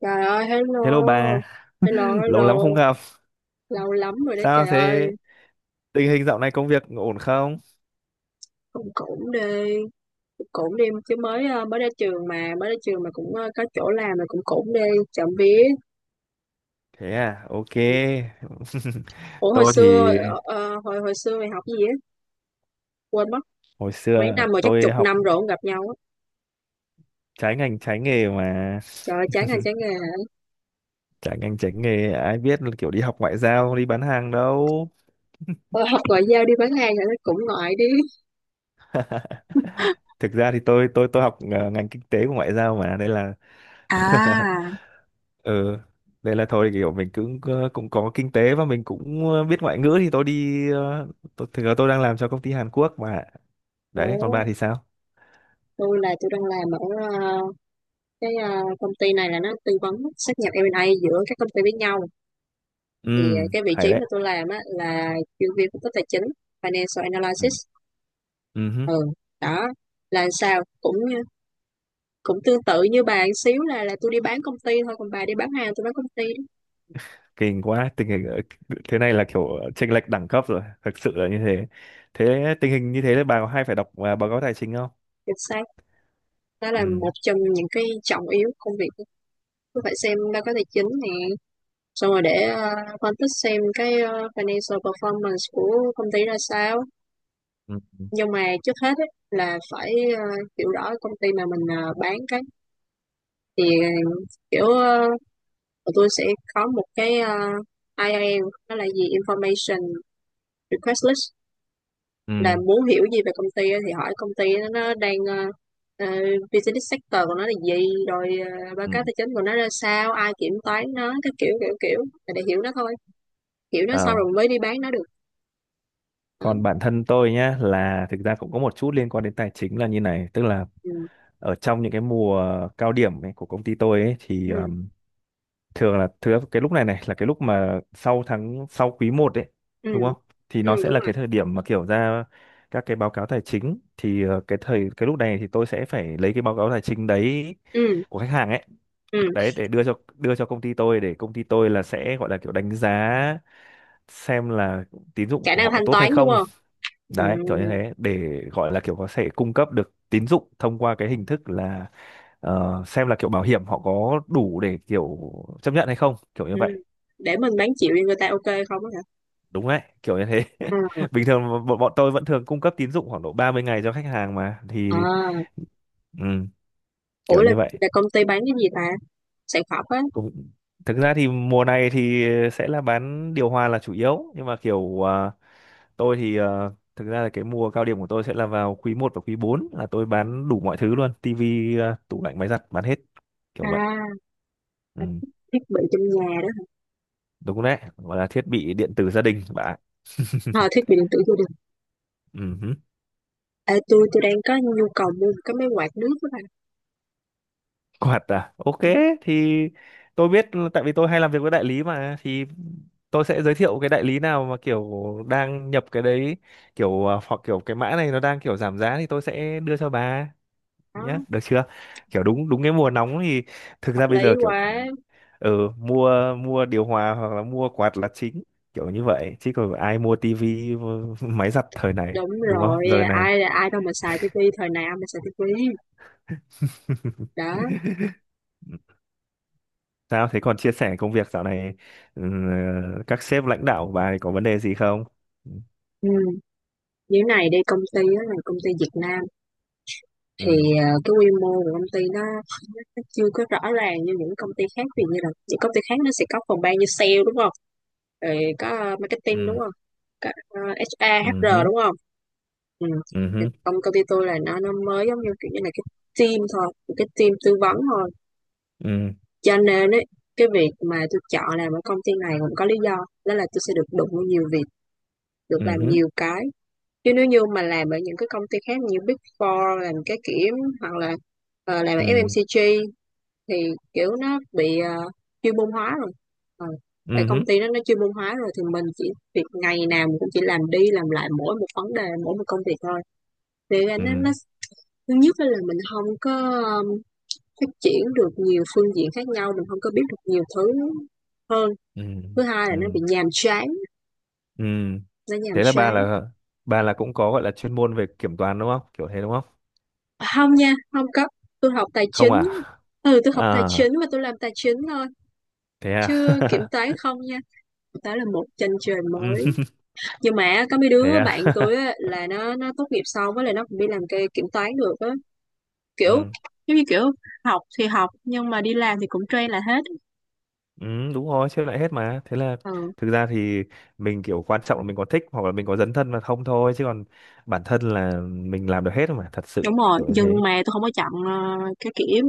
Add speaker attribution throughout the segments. Speaker 1: Trời ơi, hello.
Speaker 2: Hello bà,
Speaker 1: Hello,
Speaker 2: lâu lắm không
Speaker 1: hello.
Speaker 2: gặp.
Speaker 1: Lâu lắm rồi đó
Speaker 2: Sao
Speaker 1: trời ơi.
Speaker 2: thế? Tình hình dạo này công việc ổn không?
Speaker 1: Cũng cũng đi, cũng cũng đi chứ mới mới ra trường mà, mới ra trường mà cũng có chỗ làm mà cũng cũng đi, chậm vía.
Speaker 2: Thế à, ok.
Speaker 1: Ủa hồi
Speaker 2: Tôi thì
Speaker 1: xưa ờ, ờ, hồi hồi xưa mày học cái gì á? Quên mất.
Speaker 2: hồi
Speaker 1: Mấy
Speaker 2: xưa
Speaker 1: năm rồi, chắc
Speaker 2: tôi
Speaker 1: chục
Speaker 2: học
Speaker 1: năm rồi không gặp nhau á.
Speaker 2: trái ngành trái nghề mà.
Speaker 1: Trời ơi, chán ngành chán nghề.
Speaker 2: Trái ngành trái nghề ai biết là kiểu đi học ngoại giao, đi bán hàng đâu.
Speaker 1: Tôi học ngoại giao đi bán hàng rồi nó cũng ngoại đi.
Speaker 2: Thực ra thì tôi học ngành kinh tế của ngoại giao mà, đây là
Speaker 1: À,
Speaker 2: ừ, đây là thôi kiểu mình cũng cũng có kinh tế và mình cũng biết ngoại ngữ thì tôi đi thực ra tôi đang làm cho công ty Hàn Quốc mà. Đấy, còn
Speaker 1: ủa,
Speaker 2: bà thì sao?
Speaker 1: tôi đang làm ở ờ, cái công ty này, là nó tư vấn sát nhập M&A giữa các công ty với nhau,
Speaker 2: Ừ,
Speaker 1: thì cái vị
Speaker 2: hay
Speaker 1: trí
Speaker 2: đấy.
Speaker 1: mà tôi làm á là chuyên viên phân tích tài chính, financial
Speaker 2: Ừ.
Speaker 1: analysis.
Speaker 2: Ừ hứ,
Speaker 1: Ừ, đó. Là sao cũng cũng tương tự như bà một xíu, là tôi đi bán công ty thôi, còn bà đi bán hàng, tôi bán công ty đó.
Speaker 2: kinh quá tình hình thế này là kiểu chênh lệch đẳng cấp rồi, thực sự là như thế. Thế tình hình như thế là bà có hay phải đọc báo cáo tài chính không?
Speaker 1: Được sao, đó là
Speaker 2: Ừ,
Speaker 1: một trong những cái trọng yếu của công việc. Tôi phải xem báo cáo tài chính nè, xong rồi để phân tích xem cái financial performance của công ty ra sao.
Speaker 2: ừ, ừ,
Speaker 1: Nhưng mà trước hết ấy, là phải ờ, hiểu rõ công ty mà mình bán cái, thì kiểu ờ, tụi tôi sẽ có một cái IIL, đó là gì, Information Request List, là
Speaker 2: ừ.
Speaker 1: muốn hiểu gì về công ty thì hỏi công ty, nó đang ờ, business sector của nó là gì, rồi báo
Speaker 2: Ừ.
Speaker 1: cáo tài chính của nó ra sao, ai kiểm toán nó, cái kiểu kiểu kiểu, là để hiểu nó thôi, hiểu nó xong
Speaker 2: Ờ,
Speaker 1: rồi mới đi bán nó được. Đó.
Speaker 2: còn bản thân tôi nhá là thực ra cũng có một chút liên quan đến tài chính là như này, tức là
Speaker 1: Ừ,
Speaker 2: ở trong những cái mùa cao điểm ấy, của công ty tôi ấy, thì
Speaker 1: ừ.
Speaker 2: thường là thứ cái lúc này này là cái lúc mà sau tháng sau quý 1 đấy,
Speaker 1: Ừ,
Speaker 2: đúng không? Thì
Speaker 1: ừ
Speaker 2: nó sẽ
Speaker 1: đúng
Speaker 2: là
Speaker 1: rồi.
Speaker 2: cái thời điểm mà kiểu ra các cái báo cáo tài chính thì cái lúc này thì tôi sẽ phải lấy cái báo cáo tài chính đấy
Speaker 1: Ừ,
Speaker 2: của khách hàng ấy,
Speaker 1: ừ,
Speaker 2: đấy để đưa cho công ty tôi để công ty tôi là sẽ gọi là kiểu đánh giá xem là tín dụng
Speaker 1: khả
Speaker 2: của
Speaker 1: năng
Speaker 2: họ
Speaker 1: thanh
Speaker 2: tốt hay
Speaker 1: toán đúng
Speaker 2: không,
Speaker 1: không, ừ,
Speaker 2: đấy kiểu như thế để gọi là kiểu có thể cung cấp được tín dụng thông qua cái hình thức là xem là kiểu bảo hiểm họ có đủ để kiểu chấp nhận hay không, kiểu như
Speaker 1: ừ,
Speaker 2: vậy,
Speaker 1: để mình bán chịu cho người ta, ok, không á hả,
Speaker 2: đúng đấy kiểu như thế.
Speaker 1: ừ.
Speaker 2: Bình thường bọn bọn tôi vẫn thường cung cấp tín dụng khoảng độ 30 ngày cho khách hàng mà thì
Speaker 1: À,
Speaker 2: ừ, kiểu
Speaker 1: ủa, là,
Speaker 2: như vậy.
Speaker 1: là công ty bán cái gì ta, sản phẩm á.
Speaker 2: Cũng thực ra thì mùa này thì sẽ là bán điều hòa là chủ yếu, nhưng mà kiểu tôi thì thực ra là cái mùa cao điểm của tôi sẽ là vào quý 1 và quý 4 là tôi bán đủ mọi thứ luôn, tivi tủ lạnh, máy giặt bán hết, kiểu vậy.
Speaker 1: À,
Speaker 2: Ừ,
Speaker 1: thiết bị trong nhà đó hả?
Speaker 2: đúng đấy, gọi là thiết bị điện tử gia đình bạn.
Speaker 1: À, thiết bị điện tử gia đình.
Speaker 2: Ừ.
Speaker 1: Ê, tôi đang có nhu cầu mua một cái máy quạt nước đó bà.
Speaker 2: Quạt à? Ok,
Speaker 1: Đúng rồi.
Speaker 2: thì tôi biết tại vì tôi hay làm việc với đại lý mà, thì tôi sẽ giới thiệu cái đại lý nào mà kiểu đang nhập cái đấy kiểu hoặc kiểu cái mã này nó đang kiểu giảm giá thì tôi sẽ đưa cho bà
Speaker 1: Đó,
Speaker 2: nhá, được chưa? Kiểu đúng, đúng cái mùa nóng thì thực
Speaker 1: hợp
Speaker 2: ra bây
Speaker 1: lý
Speaker 2: giờ kiểu
Speaker 1: quá.
Speaker 2: mua mua điều hòa hoặc là mua quạt là chính, kiểu như vậy, chứ còn ai mua tivi, mua máy giặt thời này,
Speaker 1: Đúng
Speaker 2: đúng
Speaker 1: rồi,
Speaker 2: không? Giờ này.
Speaker 1: ai ai đâu mà xài tivi, thời nào mà xài tivi. Đó.
Speaker 2: Sao thế, còn chia sẻ công việc dạo này ừ, các sếp lãnh đạo của bà thì có vấn đề gì không? Ừ,
Speaker 1: Ừ. Như thế này đi, công ty đó là công ty Việt Nam, thì
Speaker 2: ừ,
Speaker 1: cái quy mô của công ty nó chưa có rõ ràng như những công ty khác, vì như là những công ty khác nó sẽ có phòng ban như sale đúng không? Rồi có marketing đúng
Speaker 2: ừ,
Speaker 1: không? Có HR,
Speaker 2: ừ
Speaker 1: HR
Speaker 2: hứ,
Speaker 1: đúng không? Ừ.
Speaker 2: ừ
Speaker 1: Thì
Speaker 2: hứ,
Speaker 1: Công công ty tôi là nó mới giống như kiểu như là cái team thôi, một cái team tư vấn thôi.
Speaker 2: ừ,
Speaker 1: Cho nên ấy, cái việc mà tôi chọn làm ở công ty này cũng có lý do, đó là tôi sẽ được đụng vào nhiều việc, được làm
Speaker 2: ừ,
Speaker 1: nhiều cái. Chứ nếu như mà làm ở những cái công ty khác như Big Four, làm cái kiểm, hoặc là làm ở
Speaker 2: ừ,
Speaker 1: FMCG, thì kiểu nó bị chuyên môn hóa rồi. Ờ, tại công
Speaker 2: ừ,
Speaker 1: ty nó chuyên môn hóa rồi, thì mình chỉ việc ngày nào mình cũng chỉ làm đi làm lại mỗi một vấn đề, mỗi một công việc thôi, thì
Speaker 2: ừ,
Speaker 1: nó thứ nhất á là mình không có, ờm, phát triển được nhiều phương diện khác nhau, mình không có biết được nhiều thứ hơn.
Speaker 2: ừ,
Speaker 1: Thứ hai là
Speaker 2: ừ,
Speaker 1: nó bị nhàm chán,
Speaker 2: ừ.
Speaker 1: nó nhàm
Speaker 2: Thế là bà
Speaker 1: chán.
Speaker 2: là cũng có gọi là chuyên môn về kiểm toán, đúng không? Kiểu thế, đúng không?
Speaker 1: À, hông nha, không có, tôi học tài
Speaker 2: Không
Speaker 1: chính.
Speaker 2: à?
Speaker 1: Ừ, tôi học tài
Speaker 2: À,
Speaker 1: chính và tôi làm tài chính thôi,
Speaker 2: thế à.
Speaker 1: chứ kiểm toán không nha. Đó là một chân trời
Speaker 2: Ừ,
Speaker 1: mới, nhưng mà có mấy
Speaker 2: thế
Speaker 1: đứa
Speaker 2: à.
Speaker 1: bạn tôi á, là nó tốt nghiệp xong á là nó cũng đi làm cái kiểm toán được á, kiểu,
Speaker 2: Ừ.
Speaker 1: giống như kiểu, học thì học nhưng mà đi làm thì cũng train là hết.
Speaker 2: Ừ, đúng rồi, xếp lại hết mà. Thế là
Speaker 1: Ừ.
Speaker 2: thực ra thì mình kiểu quan trọng là mình có thích hoặc là mình có dấn thân mà không thôi, chứ còn bản thân là mình làm được hết mà, thật sự
Speaker 1: Đúng rồi,
Speaker 2: kiểu như
Speaker 1: nhưng
Speaker 2: thế.
Speaker 1: mà tôi không có chọn cái kiểm,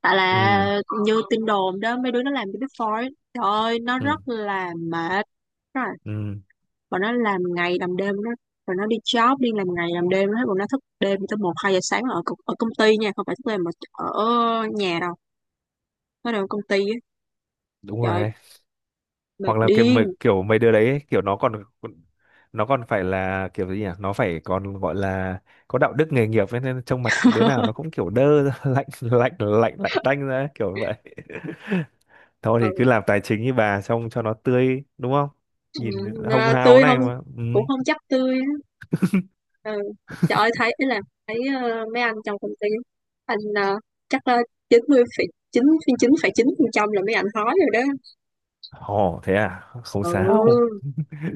Speaker 1: tại
Speaker 2: Ừ,
Speaker 1: là như tin đồn đó, mấy đứa nó làm cái Big Four ấy, trời ơi nó
Speaker 2: ừ,
Speaker 1: rất là mệt. Đúng rồi,
Speaker 2: ừ,
Speaker 1: bọn nó làm ngày làm đêm, nó, rồi nó đi job đi làm ngày làm đêm hết, bọn nó thức đêm tới một hai giờ sáng ở ở công ty nha, không phải thức đêm mà ở nhà đâu, nó đều ở công ty á.
Speaker 2: đúng
Speaker 1: Trời
Speaker 2: rồi
Speaker 1: ơi,
Speaker 2: đấy.
Speaker 1: mệt
Speaker 2: Hoặc là
Speaker 1: điên.
Speaker 2: kiểu mấy đứa đấy ấy, kiểu nó còn phải là kiểu gì nhỉ? Nó phải còn gọi là có đạo đức nghề nghiệp ấy, nên trong mặt đứa nào nó cũng kiểu đơ ra, lạnh lạnh lạnh lạnh tanh ra ấy, kiểu vậy. Thôi
Speaker 1: Ừ,
Speaker 2: thì cứ làm tài chính như bà xong cho nó tươi, đúng không?
Speaker 1: ừ,
Speaker 2: Nhìn hồng
Speaker 1: à,
Speaker 2: hào
Speaker 1: tươi
Speaker 2: này
Speaker 1: không,
Speaker 2: mà. Ừ.
Speaker 1: cũng không chắc tươi. Ừ. Trời ơi thấy ý là thấy mấy anh trong công ty, anh chắc là 90 phẩy 9 9,9% là mấy anh hói rồi đó.
Speaker 2: Ồ, thế à? Không sao.
Speaker 1: Ừ,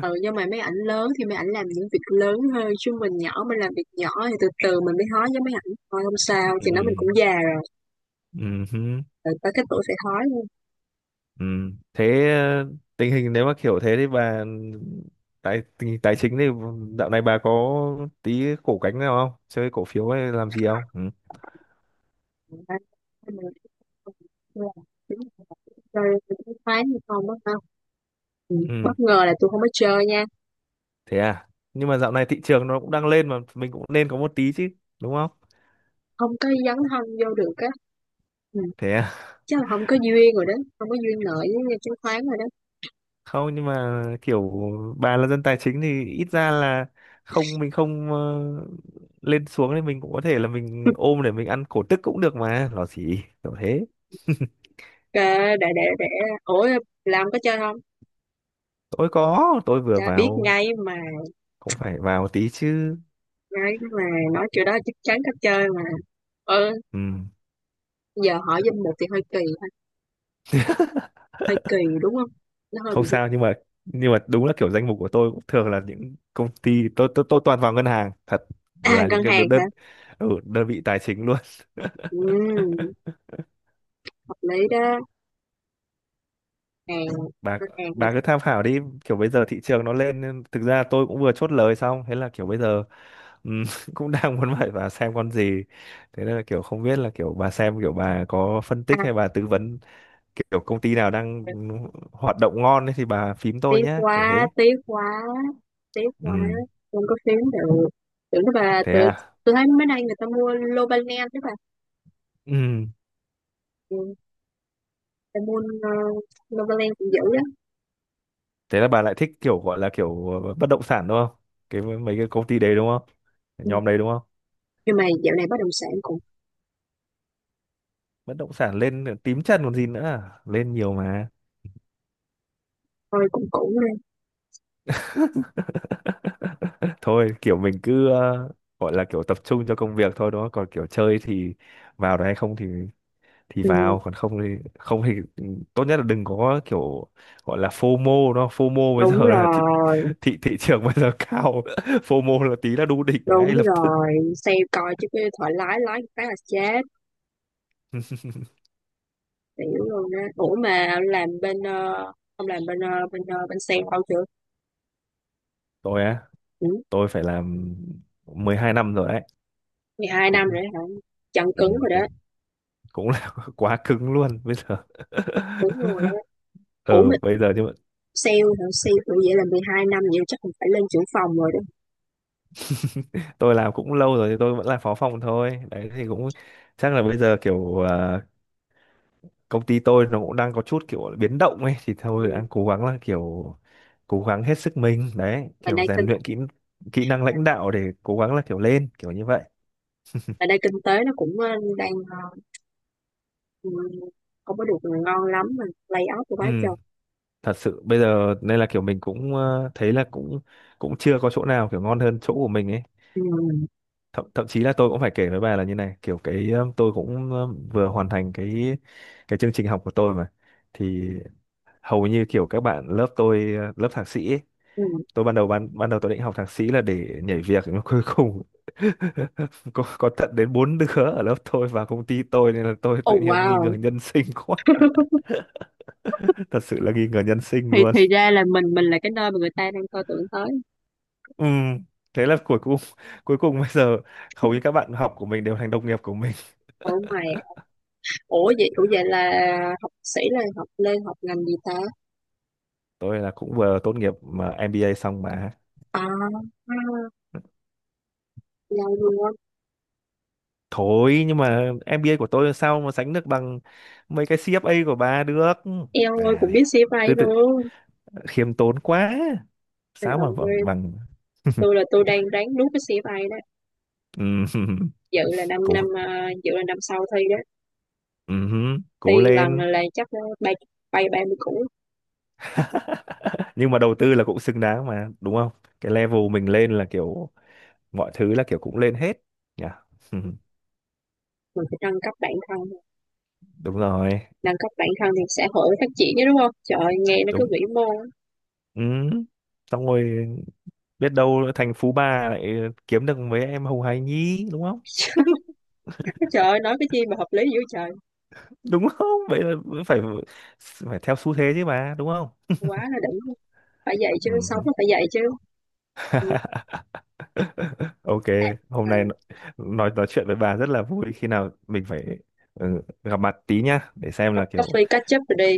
Speaker 1: ừ, nhưng mà mấy ảnh lớn thì mấy ảnh làm những việc lớn hơn, chứ mình nhỏ mình làm việc nhỏ thì từ từ mình mới hói với mấy ảnh thôi, không sao,
Speaker 2: Ừ.
Speaker 1: thì nó mình cũng già rồi,
Speaker 2: Ừ. Hứ,
Speaker 1: rồi tới cái tuổi phải hói luôn.
Speaker 2: ừ. Thế tình hình nếu mà kiểu thế thì bà tình hình tài chính thì dạo này bà có tí cổ cánh nào không? Chơi cổ phiếu hay làm gì không? Ừ.
Speaker 1: Chơi khoái như không đó ha, ừ.
Speaker 2: Ừ.
Speaker 1: Bất ngờ là tôi không có chơi nha,
Speaker 2: Thế à? Nhưng mà dạo này thị trường nó cũng đang lên mà mình cũng nên có một tí chứ, đúng không?
Speaker 1: không có dấn thân vô được á. Ừ.
Speaker 2: Thế à?
Speaker 1: Chắc là không có duyên rồi đó, không có duyên nợ với chứng khoán rồi đó.
Speaker 2: Không, nhưng mà kiểu bà là dân tài chính thì ít ra là không, mình không lên xuống thì mình cũng có thể là mình ôm để mình ăn cổ tức cũng được mà, nó gì kiểu thế.
Speaker 1: Ờ, để ủa, làm có chơi không,
Speaker 2: Tôi tôi vừa
Speaker 1: dạ, biết
Speaker 2: vào,
Speaker 1: ngay mà,
Speaker 2: cũng phải vào tí chứ,
Speaker 1: ngay mà nói chuyện đó chắc chắn có chơi mà, ờ,
Speaker 2: ừ,
Speaker 1: giờ hỏi danh mục thì hơi kỳ ha, hơi kỳ đúng không, nó hơi
Speaker 2: không
Speaker 1: bị.
Speaker 2: sao, nhưng mà đúng là kiểu danh mục của tôi cũng thường là những công ty tôi toàn vào ngân hàng thật,
Speaker 1: À,
Speaker 2: là những
Speaker 1: ngân
Speaker 2: cái
Speaker 1: hàng
Speaker 2: đơn
Speaker 1: hả,
Speaker 2: đơn, ừ, đơn vị tài chính luôn.
Speaker 1: ừ, hợp lý đó, hàng
Speaker 2: bà
Speaker 1: ngân hàng rồi
Speaker 2: bà cứ tham khảo đi, kiểu bây giờ thị trường nó lên nên thực ra tôi cũng vừa chốt lời xong, thế là kiểu bây giờ ừ, cũng đang muốn hỏi bà xem con gì, thế nên là kiểu không biết là kiểu bà xem, kiểu bà có phân tích
Speaker 1: đó.
Speaker 2: hay bà tư vấn kiểu công ty nào đang
Speaker 1: À,
Speaker 2: hoạt động ngon ấy thì bà phím tôi
Speaker 1: tiếc
Speaker 2: nhé, kiểu
Speaker 1: quá
Speaker 2: thế.
Speaker 1: tiếc quá tiếc quá,
Speaker 2: Ừ,
Speaker 1: không có phím được, tưởng đó bà,
Speaker 2: thế
Speaker 1: tôi
Speaker 2: à,
Speaker 1: tôi thấy mấy nay người ta mua lô ban đó bà.
Speaker 2: ừ,
Speaker 1: Ừ, cái môn Novaland cũng dữ đó.
Speaker 2: thế là bà lại thích kiểu gọi là kiểu bất động sản đúng không, cái mấy cái công ty đấy đúng không,
Speaker 1: Ừ,
Speaker 2: nhóm đấy đúng không?
Speaker 1: nhưng mà dạo này bất động sản cũng,
Speaker 2: Bất động sản lên tím chân còn gì nữa à? Lên nhiều mà.
Speaker 1: thôi cũng cũng lên.
Speaker 2: Thôi kiểu mình cứ gọi là kiểu tập trung cho công việc thôi, đúng không, còn kiểu chơi thì vào được hay không thì
Speaker 1: Ừ.
Speaker 2: vào, còn không thì không thì tốt nhất là đừng có kiểu gọi là FOMO, nó FOMO bây
Speaker 1: Đúng
Speaker 2: giờ là thị
Speaker 1: rồi,
Speaker 2: thị thị trường bây giờ cao, FOMO là tí là đu đỉnh
Speaker 1: đúng
Speaker 2: ngay lập tức.
Speaker 1: rồi xem coi chứ cái thoại lái lái một cái là chết tiểu luôn á. Ủa mà làm bên ông làm bên bên sale bao chưa.
Speaker 2: Tôi á,
Speaker 1: Ừ.
Speaker 2: tôi phải làm 12 năm rồi đấy,
Speaker 1: 12 năm
Speaker 2: cũng
Speaker 1: rồi đó hả, chân
Speaker 2: ừ,
Speaker 1: cứng rồi đó,
Speaker 2: cũng cũng là quá cứng luôn bây giờ.
Speaker 1: đúng rồi đó. Ủa
Speaker 2: Ừ,
Speaker 1: mà
Speaker 2: bây giờ nhưng mà
Speaker 1: sale hả, sale tụi vậy là 12 năm vậy chắc cũng phải lên trưởng phòng rồi đó.
Speaker 2: tôi làm cũng lâu rồi thì tôi vẫn là phó phòng thôi đấy, thì cũng chắc là bây giờ kiểu công ty tôi nó cũng đang có chút kiểu biến động ấy thì
Speaker 1: Ừ.
Speaker 2: thôi đang cố gắng là kiểu cố gắng hết sức mình đấy,
Speaker 1: mà
Speaker 2: kiểu
Speaker 1: đây
Speaker 2: rèn
Speaker 1: kinh
Speaker 2: luyện kỹ kỹ năng lãnh đạo để cố gắng là kiểu lên, kiểu như vậy.
Speaker 1: mà đây kinh tế nó cũng đang ừ, không có được mà ngon lắm, mà lay off của bá
Speaker 2: Ừ,
Speaker 1: chồng.
Speaker 2: thật sự bây giờ nên là kiểu mình cũng thấy là cũng cũng chưa có chỗ nào kiểu ngon hơn chỗ của mình ấy.
Speaker 1: Ừ.
Speaker 2: Thậm thậm chí là tôi cũng phải kể với bà là như này, kiểu cái tôi cũng vừa hoàn thành cái chương trình học của tôi mà, thì hầu như kiểu các bạn lớp tôi lớp thạc sĩ ấy,
Speaker 1: Ừ.
Speaker 2: tôi ban đầu ban ban đầu tôi định học thạc sĩ là để nhảy việc nhưng mà cuối cùng có tận đến bốn đứa ở lớp tôi và công ty tôi, nên là tôi
Speaker 1: Oh
Speaker 2: tự nhiên nghi ngờ
Speaker 1: wow.
Speaker 2: nhân sinh quá, thật sự là nghi ngờ nhân sinh
Speaker 1: thì
Speaker 2: luôn.
Speaker 1: thì ra là mình là cái nơi mà người ta đang coi tưởng tới.
Speaker 2: Ừ. Thế là cuối cùng cuối cùng bây giờ hầu như các bạn học của mình đều thành đồng nghiệp của mình.
Speaker 1: ủa mày ủa vậy là học sĩ là học lên học ngành gì ta?
Speaker 2: Tôi là cũng vừa tốt nghiệp mà MBA xong mà,
Speaker 1: À, à, giàu luôn,
Speaker 2: thôi nhưng mà MBA của tôi sao mà sánh được bằng mấy cái CFA của bà được.
Speaker 1: em
Speaker 2: Bà
Speaker 1: ơi cũng
Speaker 2: này
Speaker 1: biết CFA
Speaker 2: cứ tự
Speaker 1: luôn.
Speaker 2: khiêm tốn quá,
Speaker 1: Trời
Speaker 2: sáu mà
Speaker 1: ơi,
Speaker 2: bằng bằng.
Speaker 1: tôi đang ráng nuốt cái CFA đó.
Speaker 2: Ừm,
Speaker 1: Dự là năm
Speaker 2: cố,
Speaker 1: năm à, dự là năm sau thi đó. Thi
Speaker 2: cố
Speaker 1: lần
Speaker 2: lên,
Speaker 1: là chắc bay bay 30 củ.
Speaker 2: nhưng mà đầu tư là cũng xứng đáng mà, đúng không? Cái level mình lên là kiểu mọi thứ là kiểu cũng lên hết nhỉ. Ừm,
Speaker 1: Mình phải nâng cấp bản thân,
Speaker 2: đúng rồi.
Speaker 1: nâng các bạn thân thì xã hội phát triển chứ đúng không, trời ơi, nghe nó cứ
Speaker 2: Đúng.
Speaker 1: vĩ mô.
Speaker 2: Ừm, xong rồi biết đâu thành phú bà lại kiếm được mấy em hồng hài nhí, đúng không?
Speaker 1: Cái trời ơi, nói cái chi mà hợp lý dữ trời,
Speaker 2: Đúng không? Vậy là phải phải theo xu thế chứ mà, đúng không?
Speaker 1: quá là đỉnh, phải vậy chứ sống
Speaker 2: Ừm.
Speaker 1: nó phải vậy chứ. Ừ.
Speaker 2: Ok,
Speaker 1: À,
Speaker 2: hôm
Speaker 1: à,
Speaker 2: nay nói chuyện với bà rất là vui, khi nào mình phải ừ, gặp mặt tí nhá để xem
Speaker 1: cốc
Speaker 2: là kiểu
Speaker 1: coffee catch up rồi đi,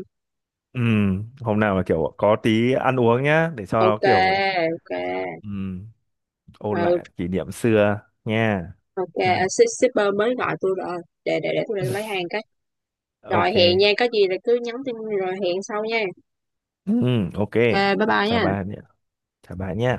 Speaker 2: hôm nào là kiểu có tí ăn uống nhá để cho nó
Speaker 1: ok,
Speaker 2: kiểu
Speaker 1: ok,
Speaker 2: ừm, ôn
Speaker 1: ừ,
Speaker 2: lại kỷ niệm xưa nha.
Speaker 1: ok. À,
Speaker 2: Ừm,
Speaker 1: shipper mới gọi tôi rồi, để tôi lấy hàng cái, rồi
Speaker 2: ok.
Speaker 1: hẹn nha, có gì là cứ nhắn tin rồi hẹn sau nha.
Speaker 2: Ok.
Speaker 1: À, bye bye
Speaker 2: Chào
Speaker 1: nha.
Speaker 2: bà nhé. Chào bà nhé.